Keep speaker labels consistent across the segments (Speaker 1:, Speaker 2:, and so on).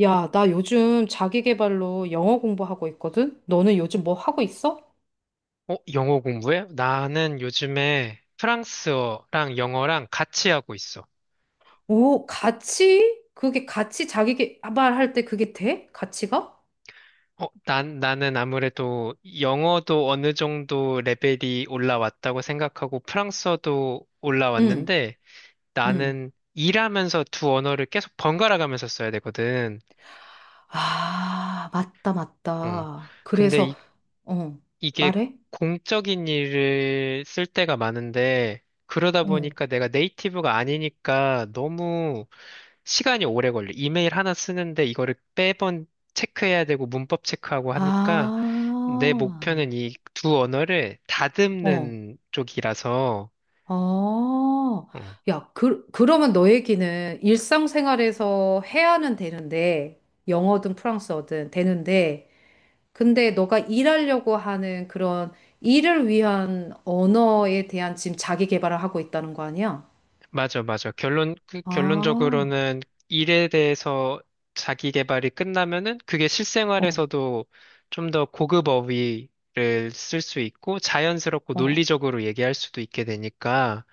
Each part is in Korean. Speaker 1: 야, 나 요즘 자기 계발로 영어 공부하고 있거든? 너는 요즘 뭐 하고 있어?
Speaker 2: 어, 영어 공부해? 나는 요즘에 프랑스어랑 영어랑 같이 하고 있어.
Speaker 1: 오, 같이? 그게 같이 자기 계발할 때 그게 돼? 같이가?
Speaker 2: 어, 나는 아무래도 영어도 어느 정도 레벨이 올라왔다고 생각하고 프랑스어도
Speaker 1: 응,
Speaker 2: 올라왔는데
Speaker 1: 응.
Speaker 2: 나는 일하면서 두 언어를 계속 번갈아 가면서 써야 되거든.
Speaker 1: 아, 맞다,
Speaker 2: 어.
Speaker 1: 맞다. 그래서,
Speaker 2: 근데
Speaker 1: 어,
Speaker 2: 이게
Speaker 1: 말해?
Speaker 2: 공적인 일을 쓸 때가 많은데, 그러다
Speaker 1: 응.
Speaker 2: 보니까 내가 네이티브가 아니니까 너무 시간이 오래 걸려. 이메일 하나 쓰는데 이거를 매번 체크해야 되고 문법 체크하고 하니까 내
Speaker 1: 아,
Speaker 2: 목표는 이 두 언어를
Speaker 1: 어,
Speaker 2: 다듬는 쪽이라서,
Speaker 1: 어.
Speaker 2: 어,
Speaker 1: 야, 그러면 너 얘기는 일상생활에서 해야는 되는데, 영어든 프랑스어든 되는데, 근데 너가 일하려고 하는 그런 일을 위한 언어에 대한 지금 자기 개발을 하고 있다는 거 아니야?
Speaker 2: 맞아, 맞아. 결론, 그
Speaker 1: 아,
Speaker 2: 결론적으로는 일에 대해서 자기 개발이 끝나면은 그게
Speaker 1: 어,
Speaker 2: 실생활에서도 좀 더 고급 어휘를 쓸 수 있고 자연스럽고
Speaker 1: 어,
Speaker 2: 논리적으로 얘기할 수도 있게 되니까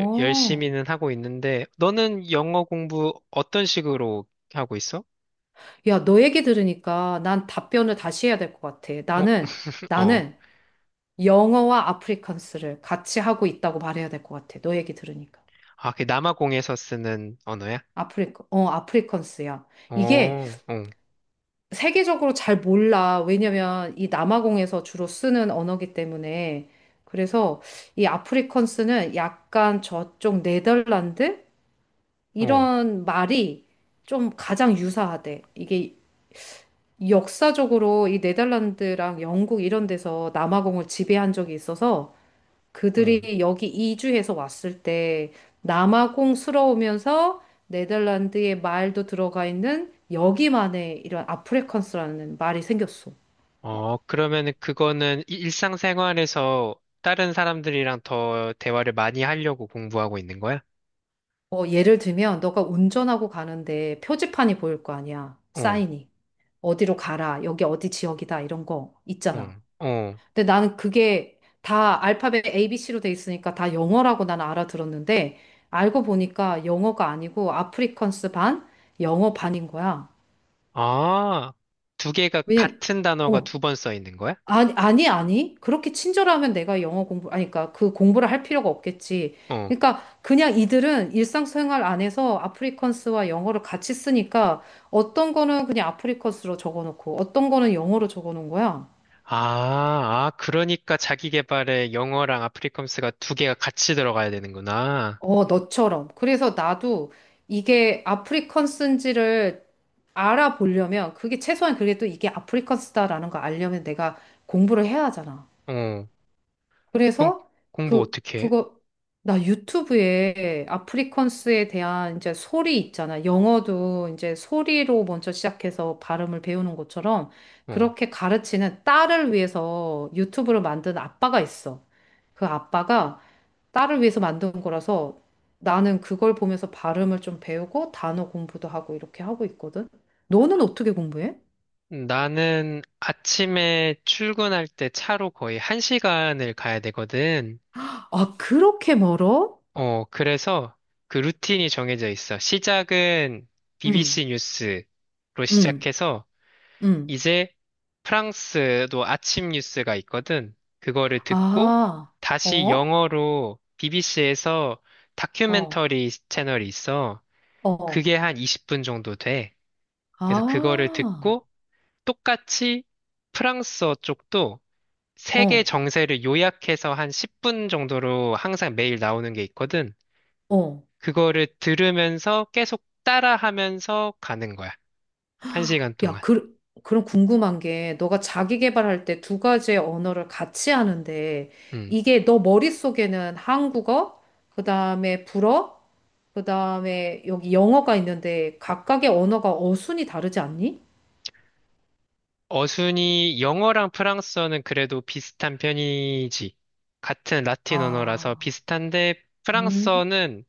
Speaker 2: 열심히는 하고 있는데 너는 영어 공부 어떤 식으로 하고 있어?
Speaker 1: 야, 너 얘기 들으니까 난 답변을 다시 해야 될 것 같아.
Speaker 2: 어,
Speaker 1: 나는,
Speaker 2: 어.
Speaker 1: 나는 영어와 아프리칸스를 같이 하고 있다고 말해야 될 것 같아. 너 얘기 들으니까.
Speaker 2: 아, 그 남아공에서 쓰는 언어야?
Speaker 1: 아프리, 어, 아프리칸스야. 이게
Speaker 2: 어, 어,
Speaker 1: 세계적으로 잘 몰라. 왜냐면 이 남아공에서 주로 쓰는 언어기 때문에. 그래서 이 아프리컨스는 약간 저쪽 네덜란드?
Speaker 2: 어,
Speaker 1: 이런 말이 좀 가장 유사하대. 이게 역사적으로 이 네덜란드랑 영국 이런 데서 남아공을 지배한 적이 있어서
Speaker 2: 어.
Speaker 1: 그들이 여기 이주해서 왔을 때 남아공스러우면서 네덜란드의 말도 들어가 있는 여기만의 이런 아프리컨스라는 말이 생겼어.
Speaker 2: 어, 그러면은 그거는 일상생활에서 다른 사람들이랑 더 대화를 많이 하려고 공부하고 있는 거야?
Speaker 1: 어, 예를 들면, 너가 운전하고 가는데 표지판이 보일 거 아니야.
Speaker 2: 어,
Speaker 1: 사인이. 어디로 가라. 여기 어디 지역이다. 이런 거
Speaker 2: 어,
Speaker 1: 있잖아.
Speaker 2: 어.
Speaker 1: 근데 나는 그게 다 알파벳 ABC로 돼 있으니까 다 영어라고 나는 알아들었는데, 알고 보니까 영어가 아니고 아프리컨스 반, 영어 반인 거야.
Speaker 2: 아, 두 개가
Speaker 1: 왜냐,
Speaker 2: 같은 단어가
Speaker 1: 어,
Speaker 2: 두 번 써 있는 거야?
Speaker 1: 아니. 그렇게 친절하면 내가 영어 공부, 아니, 그러니까 그 공부를 할 필요가 없겠지.
Speaker 2: 어.
Speaker 1: 그러니까 그냥 이들은 일상생활 안에서 아프리컨스와 영어를 같이 쓰니까 어떤 거는 그냥 아프리컨스로 적어놓고 어떤 거는 영어로 적어놓은 거야.
Speaker 2: 아, 아, 그러니까 자기 개발에 영어랑 아프리컴스가 두 개가 같이 들어가야 되는구나.
Speaker 1: 어, 너처럼. 그래서 나도 이게 아프리컨스인지를 알아보려면 그게 최소한 그게 또 이게 아프리컨스다라는 걸 알려면 내가 공부를 해야 하잖아.
Speaker 2: 어, 그럼
Speaker 1: 그래서
Speaker 2: 공부
Speaker 1: 그,
Speaker 2: 어떻게 해?
Speaker 1: 그거, 나 유튜브에 아프리컨스에 대한 이제 소리 있잖아. 영어도 이제 소리로 먼저 시작해서 발음을 배우는 것처럼
Speaker 2: 어.
Speaker 1: 그렇게 가르치는 딸을 위해서 유튜브를 만든 아빠가 있어. 그 아빠가 딸을 위해서 만든 거라서 나는 그걸 보면서 발음을 좀 배우고 단어 공부도 하고 이렇게 하고 있거든. 너는 어떻게 공부해?
Speaker 2: 나는 아침에 출근할 때 차로 거의 한 시간을 가야 되거든.
Speaker 1: 아, 그렇게 멀어?
Speaker 2: 어, 그래서 그 루틴이 정해져 있어. 시작은
Speaker 1: 응,
Speaker 2: BBC 뉴스로
Speaker 1: 응,
Speaker 2: 시작해서
Speaker 1: 응.
Speaker 2: 이제 프랑스도 아침 뉴스가 있거든. 그거를 듣고
Speaker 1: 아,
Speaker 2: 다시
Speaker 1: 어?
Speaker 2: 영어로 BBC에서
Speaker 1: 어,
Speaker 2: 다큐멘터리 채널이 있어.
Speaker 1: 어,
Speaker 2: 그게 한 20분 정도 돼. 그래서 그거를
Speaker 1: 아,
Speaker 2: 듣고 똑같이 프랑스어 쪽도 세계
Speaker 1: 어,
Speaker 2: 정세를 요약해서 한 10분 정도로 항상 매일 나오는 게 있거든.
Speaker 1: 어.
Speaker 2: 그거를 들으면서 계속 따라하면서 가는 거야. 한 시간
Speaker 1: 야,
Speaker 2: 동안.
Speaker 1: 그럼 궁금한 게, 너가 자기 개발할 때 두 가지의 언어를 같이 하는데,
Speaker 2: 음.
Speaker 1: 이게 너 머릿속에는 한국어, 그 다음에 불어, 그 다음에 여기 영어가 있는데, 각각의 언어가 어순이 다르지 않니?
Speaker 2: 어순이 영어랑 프랑스어는 그래도 비슷한 편이지. 같은 라틴 언어라서
Speaker 1: 아,
Speaker 2: 비슷한데
Speaker 1: 음.
Speaker 2: 프랑스어는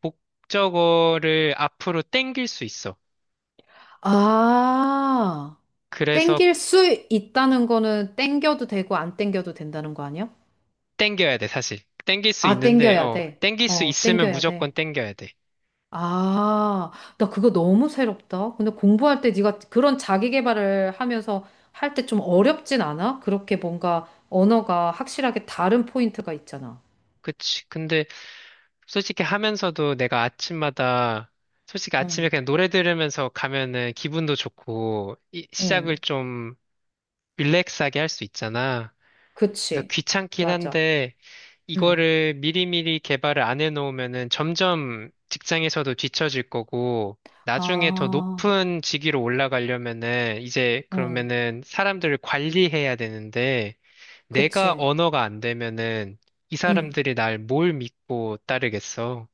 Speaker 2: 목적어를 앞으로 땡길 수 있어.
Speaker 1: 아,
Speaker 2: 그래서
Speaker 1: 땡길 수 있다는 거는 땡겨도 되고, 안 땡겨도 된다는 거 아니야?
Speaker 2: 땡겨야 돼, 사실. 땡길 수
Speaker 1: 아,
Speaker 2: 있는데,
Speaker 1: 땡겨야
Speaker 2: 어,
Speaker 1: 돼.
Speaker 2: 땡길 수
Speaker 1: 어,
Speaker 2: 있으면
Speaker 1: 땡겨야
Speaker 2: 무조건
Speaker 1: 돼.
Speaker 2: 땡겨야 돼.
Speaker 1: 아, 나 그거 너무 새롭다. 근데 공부할 때 네가 그런 자기 개발을 하면서 할 때 좀 어렵진 않아? 그렇게 뭔가 언어가 확실하게 다른 포인트가 있잖아.
Speaker 2: 그치. 근데 솔직히 하면서도 내가 아침마다, 솔직히 아침에
Speaker 1: 응,
Speaker 2: 그냥 노래 들으면서 가면은 기분도 좋고, 시작을
Speaker 1: 응,
Speaker 2: 좀 릴렉스하게 할 수 있잖아. 그래서
Speaker 1: 그치.
Speaker 2: 귀찮긴
Speaker 1: 맞아.
Speaker 2: 한데,
Speaker 1: 응.
Speaker 2: 이거를 미리미리 개발을 안 해놓으면은 점점 직장에서도 뒤처질 거고, 나중에 더
Speaker 1: 아,
Speaker 2: 높은 직위로 올라가려면은, 이제
Speaker 1: 응,
Speaker 2: 그러면은 사람들을 관리해야 되는데, 내가
Speaker 1: 그치.
Speaker 2: 언어가 안 되면은, 이
Speaker 1: 응,
Speaker 2: 사람들이 날 뭘 믿고 따르겠어?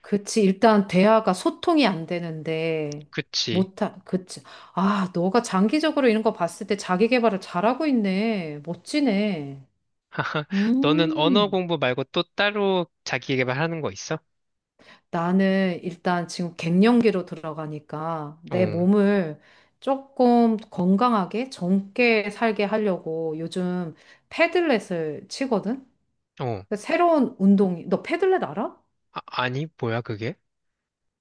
Speaker 1: 그치. 일단 대화가 소통이 안 되는데
Speaker 2: 그치.
Speaker 1: 못하, 그치. 아, 너가 장기적으로 이런 거 봤을 때 자기 개발을 잘하고 있네. 멋지네.
Speaker 2: 너는 언어
Speaker 1: 음.
Speaker 2: 공부 말고 또 따로 자기 개발하는 거 있어?
Speaker 1: 나는 일단 지금 갱년기로 들어가니까
Speaker 2: 어,
Speaker 1: 내 몸을 조금 건강하게 젊게 살게 하려고 요즘 패들렛을 치거든?
Speaker 2: 어.
Speaker 1: 그 새로운 운동이, 너 패들렛 알아?
Speaker 2: 아, 아니, 뭐야, 그게?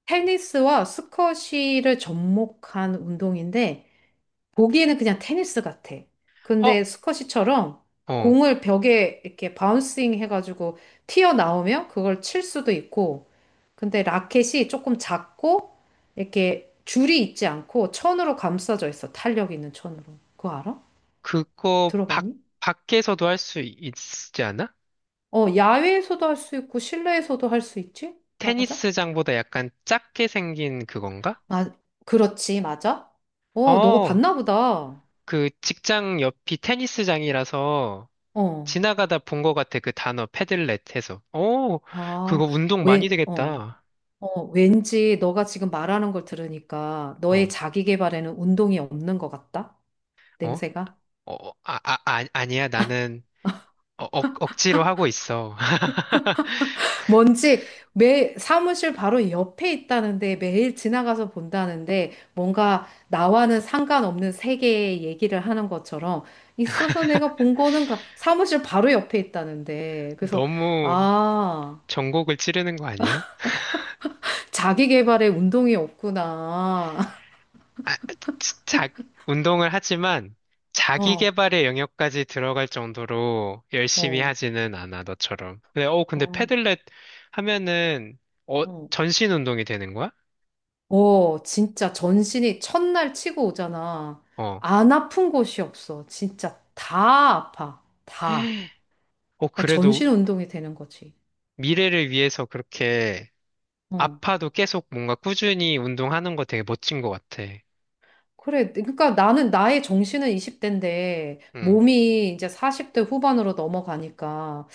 Speaker 1: 테니스와 스쿼시를 접목한 운동인데 보기에는 그냥 테니스 같아. 근데
Speaker 2: 어,
Speaker 1: 스쿼시처럼
Speaker 2: 어.
Speaker 1: 공을 벽에 이렇게 바운싱 해가지고 튀어나오면 그걸 칠 수도 있고, 근데 라켓이 조금 작고, 이렇게 줄이 있지 않고 천으로 감싸져 있어. 탄력 있는 천으로. 그거 알아?
Speaker 2: 그거 밖,
Speaker 1: 들어봤니?
Speaker 2: 밖에서도 할 수 있지 않아?
Speaker 1: 어, 야외에서도 할 수 있고, 실내에서도 할 수 있지? 맞아?
Speaker 2: 테니스장보다 약간 작게 생긴 그건가?
Speaker 1: 아, 그렇지, 맞아? 어, 너가
Speaker 2: 어,
Speaker 1: 봤나 보다.
Speaker 2: 그 직장 옆이 테니스장이라서
Speaker 1: 어.
Speaker 2: 지나가다 본 거 같아. 그 단어 패들렛 해서. 어,
Speaker 1: 아,
Speaker 2: 그거 운동 많이
Speaker 1: 왜, 어.
Speaker 2: 되겠다.
Speaker 1: 어, 왠지 너가 지금 말하는 걸 들으니까 너의
Speaker 2: 어,
Speaker 1: 자기 개발에는 운동이 없는 것 같다?
Speaker 2: 어?
Speaker 1: 냄새가?
Speaker 2: 어, 어, 아, 아, 아, 아니야. 나는 억지로 하고 있어.
Speaker 1: 뭔지 매 사무실 바로 옆에 있다는데 매일 지나가서 본다는데 뭔가 나와는 상관없는 세계의 얘기를 하는 것처럼 있어서 내가 본 거는 가- 사무실 바로 옆에 있다는데 그래서
Speaker 2: 너무
Speaker 1: 아,
Speaker 2: 전곡을 찌르는 거 아니야?
Speaker 1: 자기 개발에 운동이 없구나.
Speaker 2: 아, 자, 자- 운동을 하지만 자기
Speaker 1: 어,
Speaker 2: 개발의 영역까지 들어갈 정도로 열심히
Speaker 1: 어,
Speaker 2: 하지는 않아, 너처럼. 근데
Speaker 1: 어,
Speaker 2: 패들렛 하면은, 어,
Speaker 1: 어.
Speaker 2: 전신 운동이 되는 거야?
Speaker 1: 어, 진짜 전신이 첫날 치고 오잖아.
Speaker 2: 어,
Speaker 1: 안 아픈 곳이 없어. 진짜 다 아파. 다.
Speaker 2: 어,
Speaker 1: 그러니까
Speaker 2: 그래도
Speaker 1: 전신 운동이 되는 거지.
Speaker 2: 미래를 위해서 그렇게
Speaker 1: 어.
Speaker 2: 아파도 계속 뭔가 꾸준히 운동하는 거 되게 멋진 것 같아.
Speaker 1: 그래. 그러니까 나는 나의 정신은 20대인데
Speaker 2: 응.
Speaker 1: 몸이 이제 40대 후반으로 넘어가니까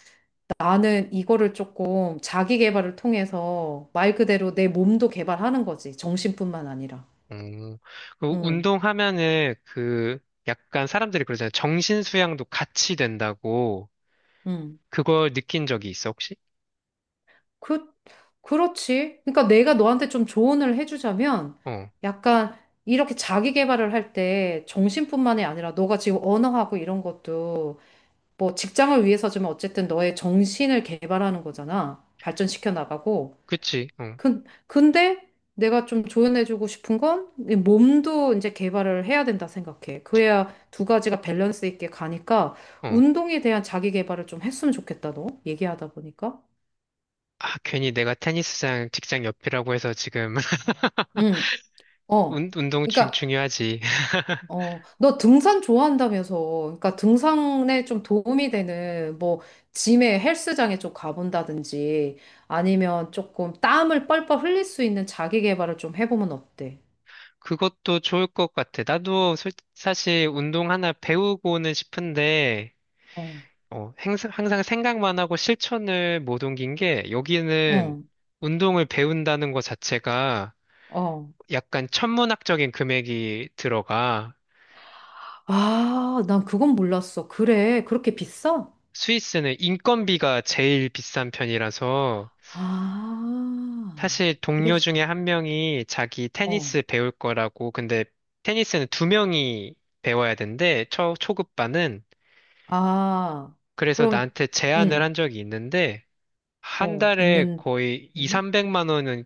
Speaker 1: 나는 이거를 조금 자기 개발을 통해서 말 그대로 내 몸도 개발하는 거지. 정신뿐만 아니라.
Speaker 2: 음, 그
Speaker 1: 응.
Speaker 2: 운동하면은 그 약간 사람들이 그러잖아요. 정신 수양도 같이 된다고
Speaker 1: 응.
Speaker 2: 그걸 느낀 적이 있어, 혹시?
Speaker 1: 그, 그렇지. 그러니까 내가 너한테 좀 조언을 해주자면
Speaker 2: 어,
Speaker 1: 약간 이렇게 자기 개발을 할 때 정신뿐만이 아니라 너가 지금 언어하고 이런 것도 뭐 직장을 위해서지만 어쨌든 너의 정신을 개발하는 거잖아. 발전시켜 나가고.
Speaker 2: 그치, 어,
Speaker 1: 근데 내가 좀 조언해주고 싶은 건이 몸도 이제 개발을 해야 된다 생각해. 그래야 두 가지가 밸런스 있게 가니까
Speaker 2: 어.
Speaker 1: 운동에 대한 자기 개발을 좀 했으면 좋겠다, 너. 얘기하다 보니까.
Speaker 2: 아, 괜히 내가 테니스장 직장 옆이라고 해서 지금
Speaker 1: 응, 어.
Speaker 2: 운동 중,
Speaker 1: 그러니까
Speaker 2: 중요하지.
Speaker 1: 어, 너 등산 좋아한다면서. 그러니까 등산에 좀 도움이 되는 뭐 짐에 헬스장에 좀 가본다든지 아니면 조금 땀을 뻘뻘 흘릴 수 있는 자기 개발을 좀 해보면 어때?
Speaker 2: 그것도 좋을 것 같아. 나도 사실 운동 하나 배우고는 싶은데,
Speaker 1: 어,
Speaker 2: 어, 항상 생각만 하고 실천을 못 옮긴 게 여기는
Speaker 1: 응,
Speaker 2: 운동을 배운다는 것 자체가
Speaker 1: 어.
Speaker 2: 약간 천문학적인 금액이 들어가.
Speaker 1: 아, 난 그건 몰랐어. 그래, 그렇게 비싸?
Speaker 2: 스위스는 인건비가 제일 비싼 편이라서
Speaker 1: 아,
Speaker 2: 사실 동료
Speaker 1: 그래서,
Speaker 2: 중에 한 명이 자기
Speaker 1: 어.
Speaker 2: 테니스 배울 거라고. 근데 테니스는 두 명이 배워야 된대. 초급반은.
Speaker 1: 아,
Speaker 2: 그래서
Speaker 1: 그럼,
Speaker 2: 나한테 제안을
Speaker 1: 응,
Speaker 2: 한 적이 있는데 한
Speaker 1: 어,
Speaker 2: 달에
Speaker 1: 있는,
Speaker 2: 거의 2,
Speaker 1: 응?
Speaker 2: 300만 원은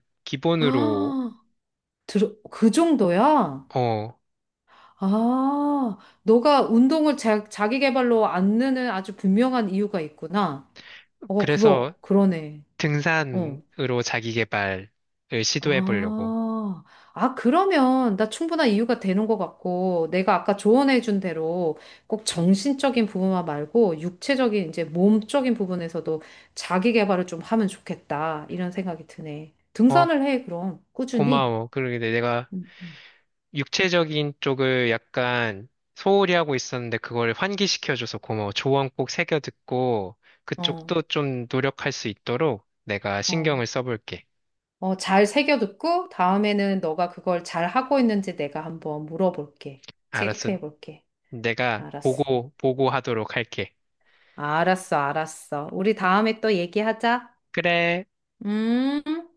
Speaker 2: 기본으로.
Speaker 1: 아, 들, 그 정도야?
Speaker 2: 어.
Speaker 1: 아, 너가 운동을 자기 개발로 안 느는 아주 분명한 이유가 있구나. 어,
Speaker 2: 그래서
Speaker 1: 그거, 그러네. 어.
Speaker 2: 등산으로 자기 개발을 시도해 보려고.
Speaker 1: 아, 아, 그러면 나 충분한 이유가 되는 것 같고, 내가 아까 조언해준 대로 꼭 정신적인 부분만 말고, 육체적인, 이제 몸적인 부분에서도 자기 개발을 좀 하면 좋겠다. 이런 생각이 드네.
Speaker 2: 어,
Speaker 1: 등산을 해, 그럼. 꾸준히.
Speaker 2: 고마워. 그러게 내가
Speaker 1: 음, 음.
Speaker 2: 육체적인 쪽을 약간 소홀히 하고 있었는데 그걸 환기시켜줘서 고마워. 조언 꼭 새겨 듣고
Speaker 1: 어,
Speaker 2: 그쪽도 좀 노력할 수 있도록 내가
Speaker 1: 어.
Speaker 2: 신경을 써볼게.
Speaker 1: 어, 잘 새겨 듣고 다음에는 너가 그걸 잘 하고 있는지 내가 한번 물어볼게.
Speaker 2: 알았어.
Speaker 1: 체크해 볼게.
Speaker 2: 내가
Speaker 1: 알았어.
Speaker 2: 보고하도록 할게.
Speaker 1: 알았어, 알았어. 우리 다음에 또 얘기하자.
Speaker 2: 그래.
Speaker 1: 음.